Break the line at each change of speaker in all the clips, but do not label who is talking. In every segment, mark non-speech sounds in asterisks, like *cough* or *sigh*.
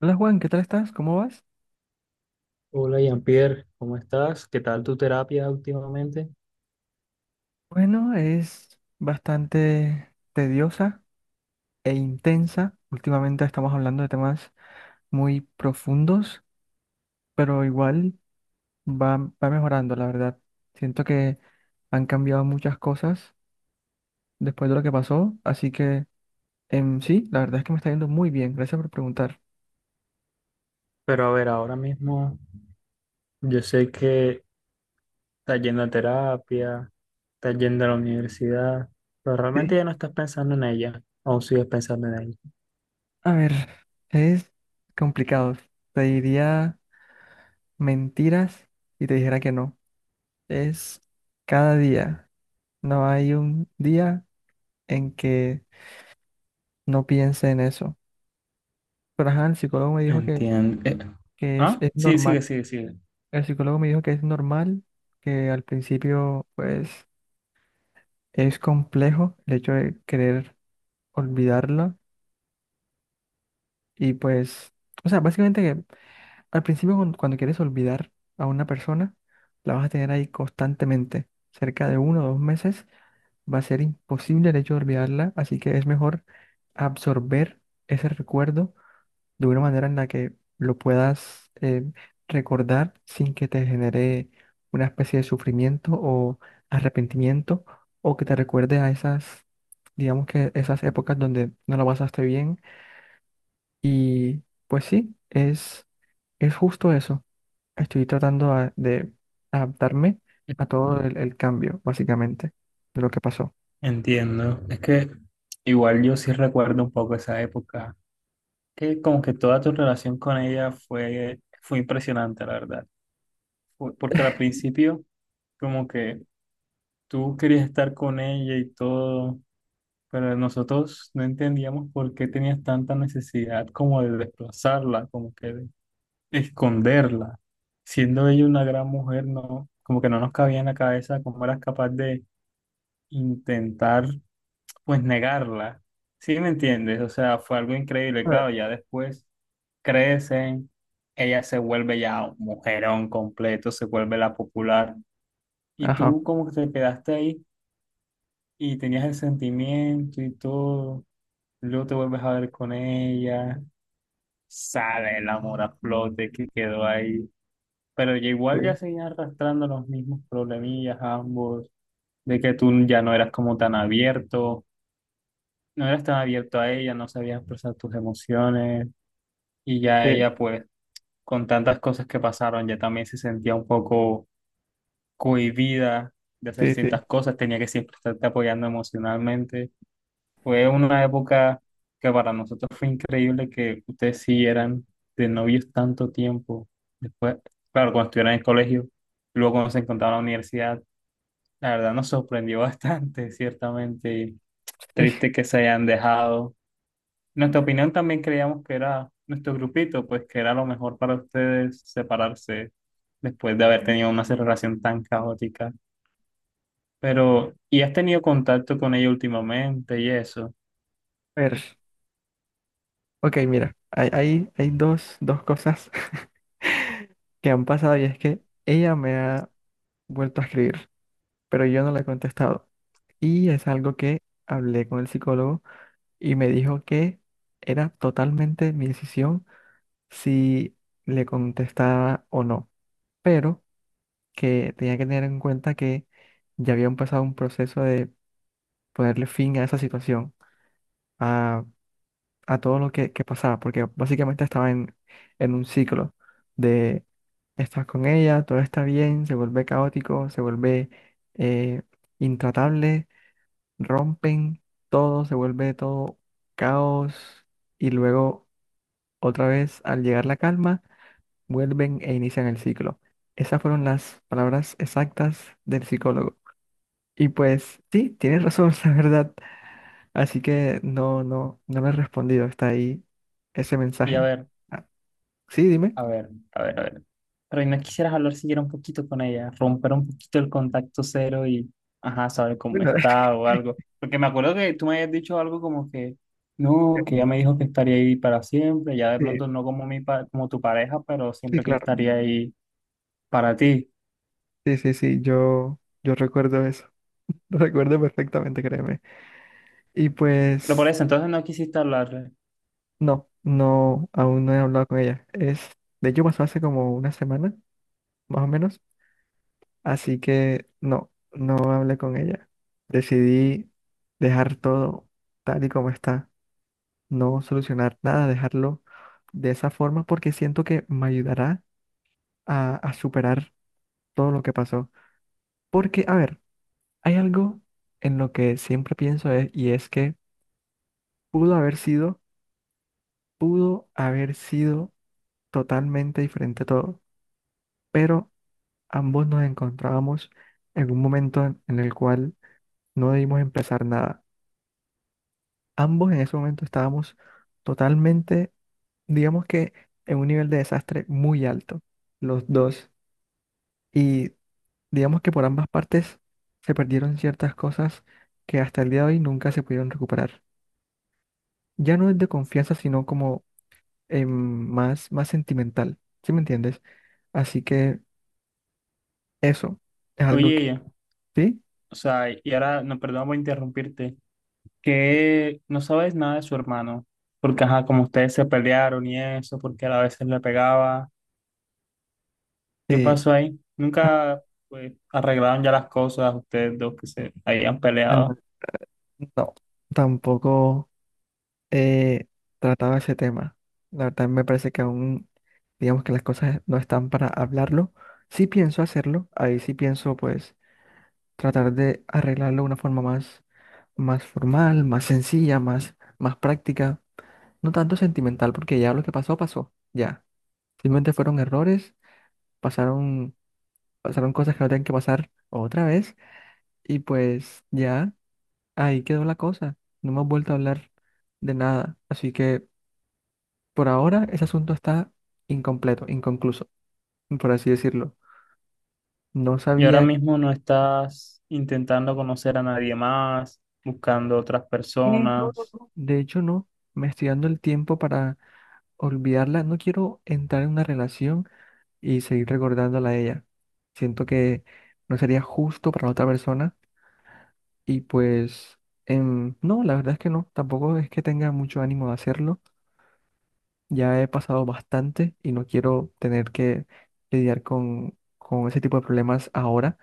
Hola Juan, ¿qué tal estás? ¿Cómo vas?
Hola Jean-Pierre, ¿cómo estás? ¿Qué tal tu terapia últimamente?
Bueno, es bastante tediosa e intensa. Últimamente estamos hablando de temas muy profundos, pero igual va, va mejorando, la verdad. Siento que han cambiado muchas cosas después de lo que pasó, así que sí, la verdad es que me está yendo muy bien. Gracias por preguntar.
Pero a ver, ahora mismo yo sé que estás yendo a terapia, estás yendo a la universidad, pero realmente
Sí.
ya no estás pensando en ella. ¿Aún sigues pensando en ella?
A ver, es complicado. Te diría mentiras y te dijera que no. Es cada día. No hay un día en que no piense en eso. Pero ajá, el psicólogo me dijo que,
Entiendo.
que
Ah,
es
sí,
normal.
sigue.
El psicólogo me dijo que es normal, que al principio pues es complejo el hecho de querer olvidarla. Y pues, o sea, básicamente que al principio cuando quieres olvidar a una persona, la vas a tener ahí constantemente. Cerca de uno o dos meses va a ser imposible el hecho de olvidarla. Así que es mejor absorber ese recuerdo de una manera en la que lo puedas recordar sin que te genere una especie de sufrimiento o arrepentimiento o que te recuerde a esas, digamos que esas épocas donde no lo pasaste bien. Y pues sí, es justo eso. Estoy de adaptarme a todo el cambio, básicamente, de lo que pasó.
Entiendo. Es que igual yo sí recuerdo un poco esa época, que como que toda tu relación con ella fue impresionante, la verdad. Porque al principio como que tú querías estar con ella y todo, pero nosotros no entendíamos por qué tenías tanta necesidad como de desplazarla, como que de esconderla. Siendo ella una gran mujer, no, como que no nos cabía en la cabeza cómo eras capaz de intentar, pues, negarla. ¿Sí me entiendes? O sea, fue algo
A
increíble.
ver.
Claro, ya después crecen, ella se vuelve ya un mujerón completo, se vuelve la popular. Y
Ajá.
tú como que te quedaste ahí y tenías el sentimiento y todo, luego te vuelves a ver con ella, sale el amor a flote que quedó ahí, pero ya
Sí,
igual ya seguían arrastrando los mismos problemillas ambos, de que tú ya no eras como tan abierto, no eras tan abierto a ella, no sabías expresar tus emociones y ya ella
sí,
pues con tantas cosas que pasaron ya también se sentía un poco cohibida de hacer
sí, sí.
ciertas
*laughs*
cosas, tenía que siempre estarte apoyando emocionalmente. Fue una época que para nosotros fue increíble que ustedes siguieran de novios tanto tiempo. Después, claro, cuando estuvieron en el colegio, luego cuando se encontraron en la universidad, la verdad nos sorprendió *laughs* bastante, ciertamente.
Sí.
Triste que se hayan dejado. Nuestra opinión también creíamos que era nuestro grupito, pues que era lo mejor para ustedes separarse después de haber tenido una relación tan caótica. Pero, ¿y has tenido contacto con ella últimamente y eso?
A ver. Ok, mira, hay dos cosas *laughs* que han pasado y es que ella me ha vuelto a escribir, pero yo no le he contestado. Y es algo que hablé con el psicólogo y me dijo que era totalmente mi decisión si le contestaba o no, pero que tenía que tener en cuenta que ya había empezado un proceso de ponerle fin a esa situación, a, a todo lo que pasaba, porque básicamente estaba en un ciclo estás con ella, todo está bien, se vuelve caótico, se vuelve eh, intratable, rompen todo, se vuelve todo caos y luego otra vez al llegar la calma, vuelven e inician el ciclo. Esas fueron las palabras exactas del psicólogo. Y pues sí, tienes razón, *laughs* la verdad. Así que no, no me he respondido, está ahí ese
Y a
mensaje.
ver,
Ah, sí, dime.
a ver. Pero ¿y no quisieras hablar siquiera un poquito con ella, romper un poquito el contacto cero y, ajá, saber cómo
Bueno, *laughs*
está o algo? Porque me acuerdo que tú me habías dicho algo como que, no, que ella me dijo que estaría ahí para siempre, ya de
sí,
pronto no como como tu pareja, pero
sí,
siempre que
claro.
estaría ahí para ti.
Sí, sí, sí, yo recuerdo eso, *laughs* lo recuerdo perfectamente, créeme. Y
Pero por
pues,
eso, entonces no quisiste hablarle.
no, no, aún no he hablado con ella. Es, de hecho, pasó hace como una semana, más o menos, así que no, no hablé con ella. Decidí dejar todo tal y como está, no solucionar nada, dejarlo de esa forma porque siento que me ayudará a superar todo lo que pasó. Porque, a ver, hay algo en lo que siempre pienso es y es que pudo haber sido, pudo haber sido totalmente diferente todo, pero ambos nos encontrábamos en un momento en el cual no debimos empezar nada. Ambos en ese momento estábamos totalmente, digamos que en un nivel de desastre muy alto, los dos. Y digamos que por ambas partes se perdieron ciertas cosas que hasta el día de hoy nunca se pudieron recuperar. Ya no es de confianza, sino como em, más, más sentimental, ¿sí me entiendes? Así que eso es algo
Oye,
que
ella,
sí,
o sea, y ahora, no, perdón por interrumpirte, que no sabes nada de su hermano, porque, ajá, como ustedes se pelearon y eso, porque él a veces le pegaba. ¿Qué
sí,
pasó ahí?
ah,
Nunca pues, ¿arreglaron ya las cosas ustedes dos que se habían peleado?
no, tampoco he tratado ese tema. La verdad me parece que aún, digamos que las cosas no están para hablarlo. Sí pienso hacerlo, ahí sí pienso pues tratar de arreglarlo de una forma más, más formal, más sencilla, más, más práctica. No tanto sentimental, porque ya lo que pasó, pasó. Ya. Simplemente fueron errores, pasaron pasaron cosas que no tenían que pasar otra vez y pues ya ahí quedó la cosa. No hemos vuelto a hablar de nada. Así que por ahora ese asunto está incompleto, inconcluso, por así decirlo. No
Y ahora
sabía...
mismo no estás intentando conocer a nadie más, buscando otras
No, no,
personas.
no. De hecho, no. Me estoy dando el tiempo para olvidarla. No quiero entrar en una relación y seguir recordándola a ella. Siento que no sería justo para la otra persona y pues... no, la verdad es que no. Tampoco es que tenga mucho ánimo de hacerlo. Ya he pasado bastante y no quiero tener que lidiar con ese tipo de problemas ahora.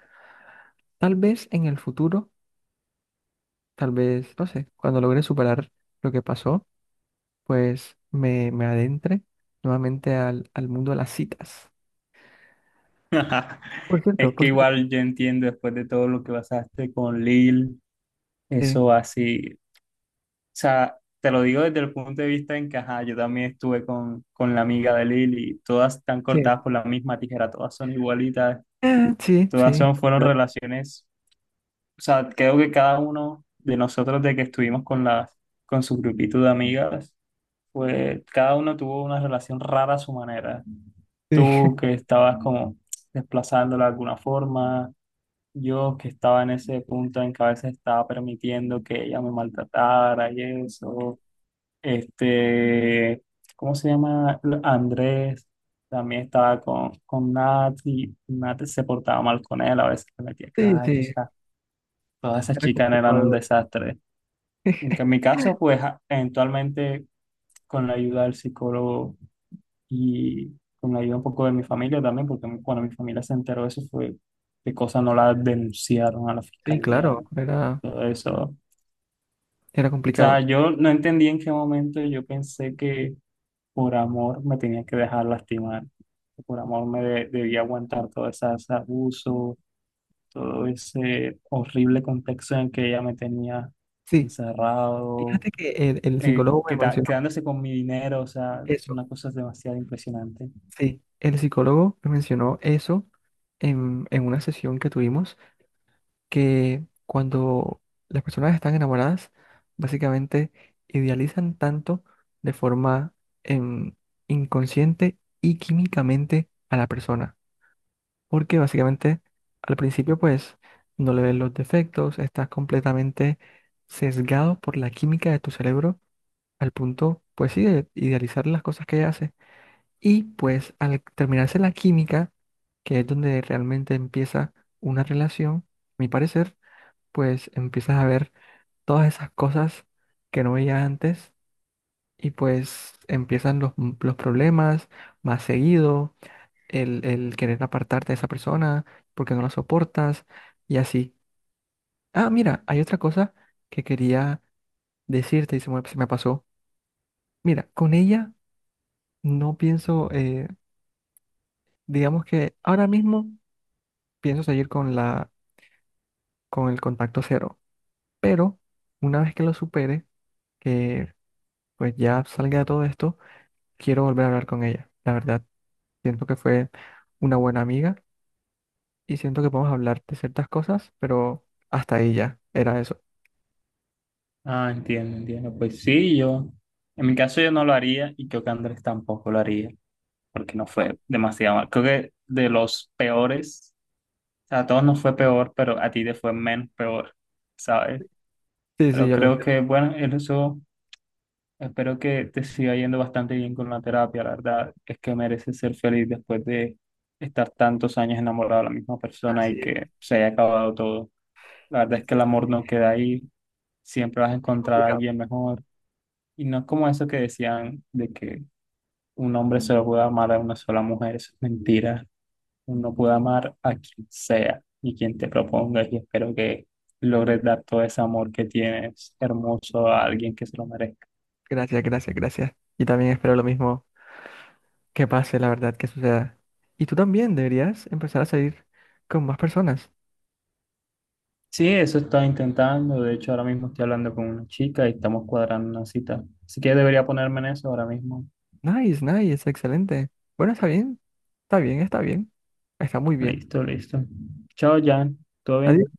Tal vez en el futuro, tal vez, no sé, cuando logre superar lo que pasó, pues me adentre nuevamente al mundo de las citas.
*laughs*
Por cierto,
Es que
por cierto.
igual yo entiendo después de todo lo que pasaste con Lil,
Sí,
eso así. O sea, te lo digo desde el punto de vista en que, ajá, yo también estuve con la amiga de Lil y todas están
sí.
cortadas por la misma tijera, todas son igualitas,
Sí,
todas
sí.
son,
*laughs*
fueron
¿Verdad?
relaciones. O sea, creo que cada uno de nosotros de que estuvimos con las, con su grupito de amigas, pues cada uno tuvo una relación rara a su manera.
Sí,
Tú que estabas como desplazándola de alguna forma, yo que estaba en ese punto en que a veces estaba permitiendo que ella me maltratara y eso. Este, ¿cómo se llama? Andrés también estaba con Nat y Nat se portaba mal con él, a veces le metía
sí,
callos.
sí.
Todas
*laughs*
esas
Era
chicas eran
complicado.
un
¿Verdad?
desastre. En
*laughs*
mi caso, eventualmente con la ayuda del psicólogo y con la ayuda un poco de mi familia también, porque cuando mi familia se enteró de eso fue de cosas no la denunciaron a la
Sí,
fiscalía,
claro, era,
todo eso. O
era
sea,
complicado.
yo no entendí en qué momento yo pensé que por amor me tenía que dejar lastimar, que por amor debía aguantar todo ese abuso, todo ese horrible contexto en el que ella me tenía
Sí,
encerrado
fíjate que el psicólogo me mencionó
quedándose con mi dinero, o sea,
eso.
una cosa es demasiado impresionante.
Sí, el psicólogo me mencionó eso en una sesión que tuvimos, que cuando las personas están enamoradas, básicamente idealizan tanto de forma em, inconsciente y químicamente a la persona, porque básicamente al principio pues no le ves los defectos, estás completamente sesgado por la química de tu cerebro al punto pues sí de idealizar las cosas que ella hace. Y pues al terminarse la química, que es donde realmente empieza una relación, a mi parecer, pues empiezas a ver todas esas cosas que no veía antes y pues empiezan los, los problemas más seguido, el querer apartarte de esa persona porque no la soportas y así. Ah, mira, hay otra cosa que quería decirte y se se me pasó. Mira, con ella no pienso, digamos que ahora mismo pienso seguir con la con el contacto cero. Pero una vez que lo supere, que pues ya salga de todo esto, quiero volver a hablar con ella. La verdad, siento que fue una buena amiga y siento que podemos hablar de ciertas cosas, pero hasta ahí ya era eso.
Ah, entiendo, entiendo. Pues sí, yo, en mi caso yo no lo haría y creo que Andrés tampoco lo haría, porque no fue demasiado mal. Creo que de los peores, o sea, a todos nos fue peor, pero a ti te fue menos peor, ¿sabes?
Sí, sí,
Pero
yo lo
creo
entiendo.
que, bueno, en eso espero que te siga yendo bastante bien con la terapia, la verdad es que mereces ser feliz después de estar tantos años enamorado de la misma persona
Así
y
es.
que se haya acabado todo. La verdad es que
Sí,
el amor
sí,
no queda ahí, siempre vas a
es
encontrar a
complicado.
alguien mejor. Y no es como eso que decían de que un hombre solo puede amar a una sola mujer, eso es mentira. Uno puede amar a quien sea y quien te propongas y espero que logres dar todo ese amor que tienes hermoso a alguien que se lo merezca.
Gracias, gracias, gracias. Y también espero lo mismo que pase, la verdad, que suceda. Y tú también deberías empezar a salir con más personas.
Sí, eso estoy intentando. De hecho, ahora mismo estoy hablando con una chica y estamos cuadrando una cita. Así que debería ponerme en eso ahora mismo.
Nice, nice, excelente. Bueno, está bien, está bien, está bien, está muy bien.
Listo, listo. Chao, Jan. ¿Todo bien?
Adiós.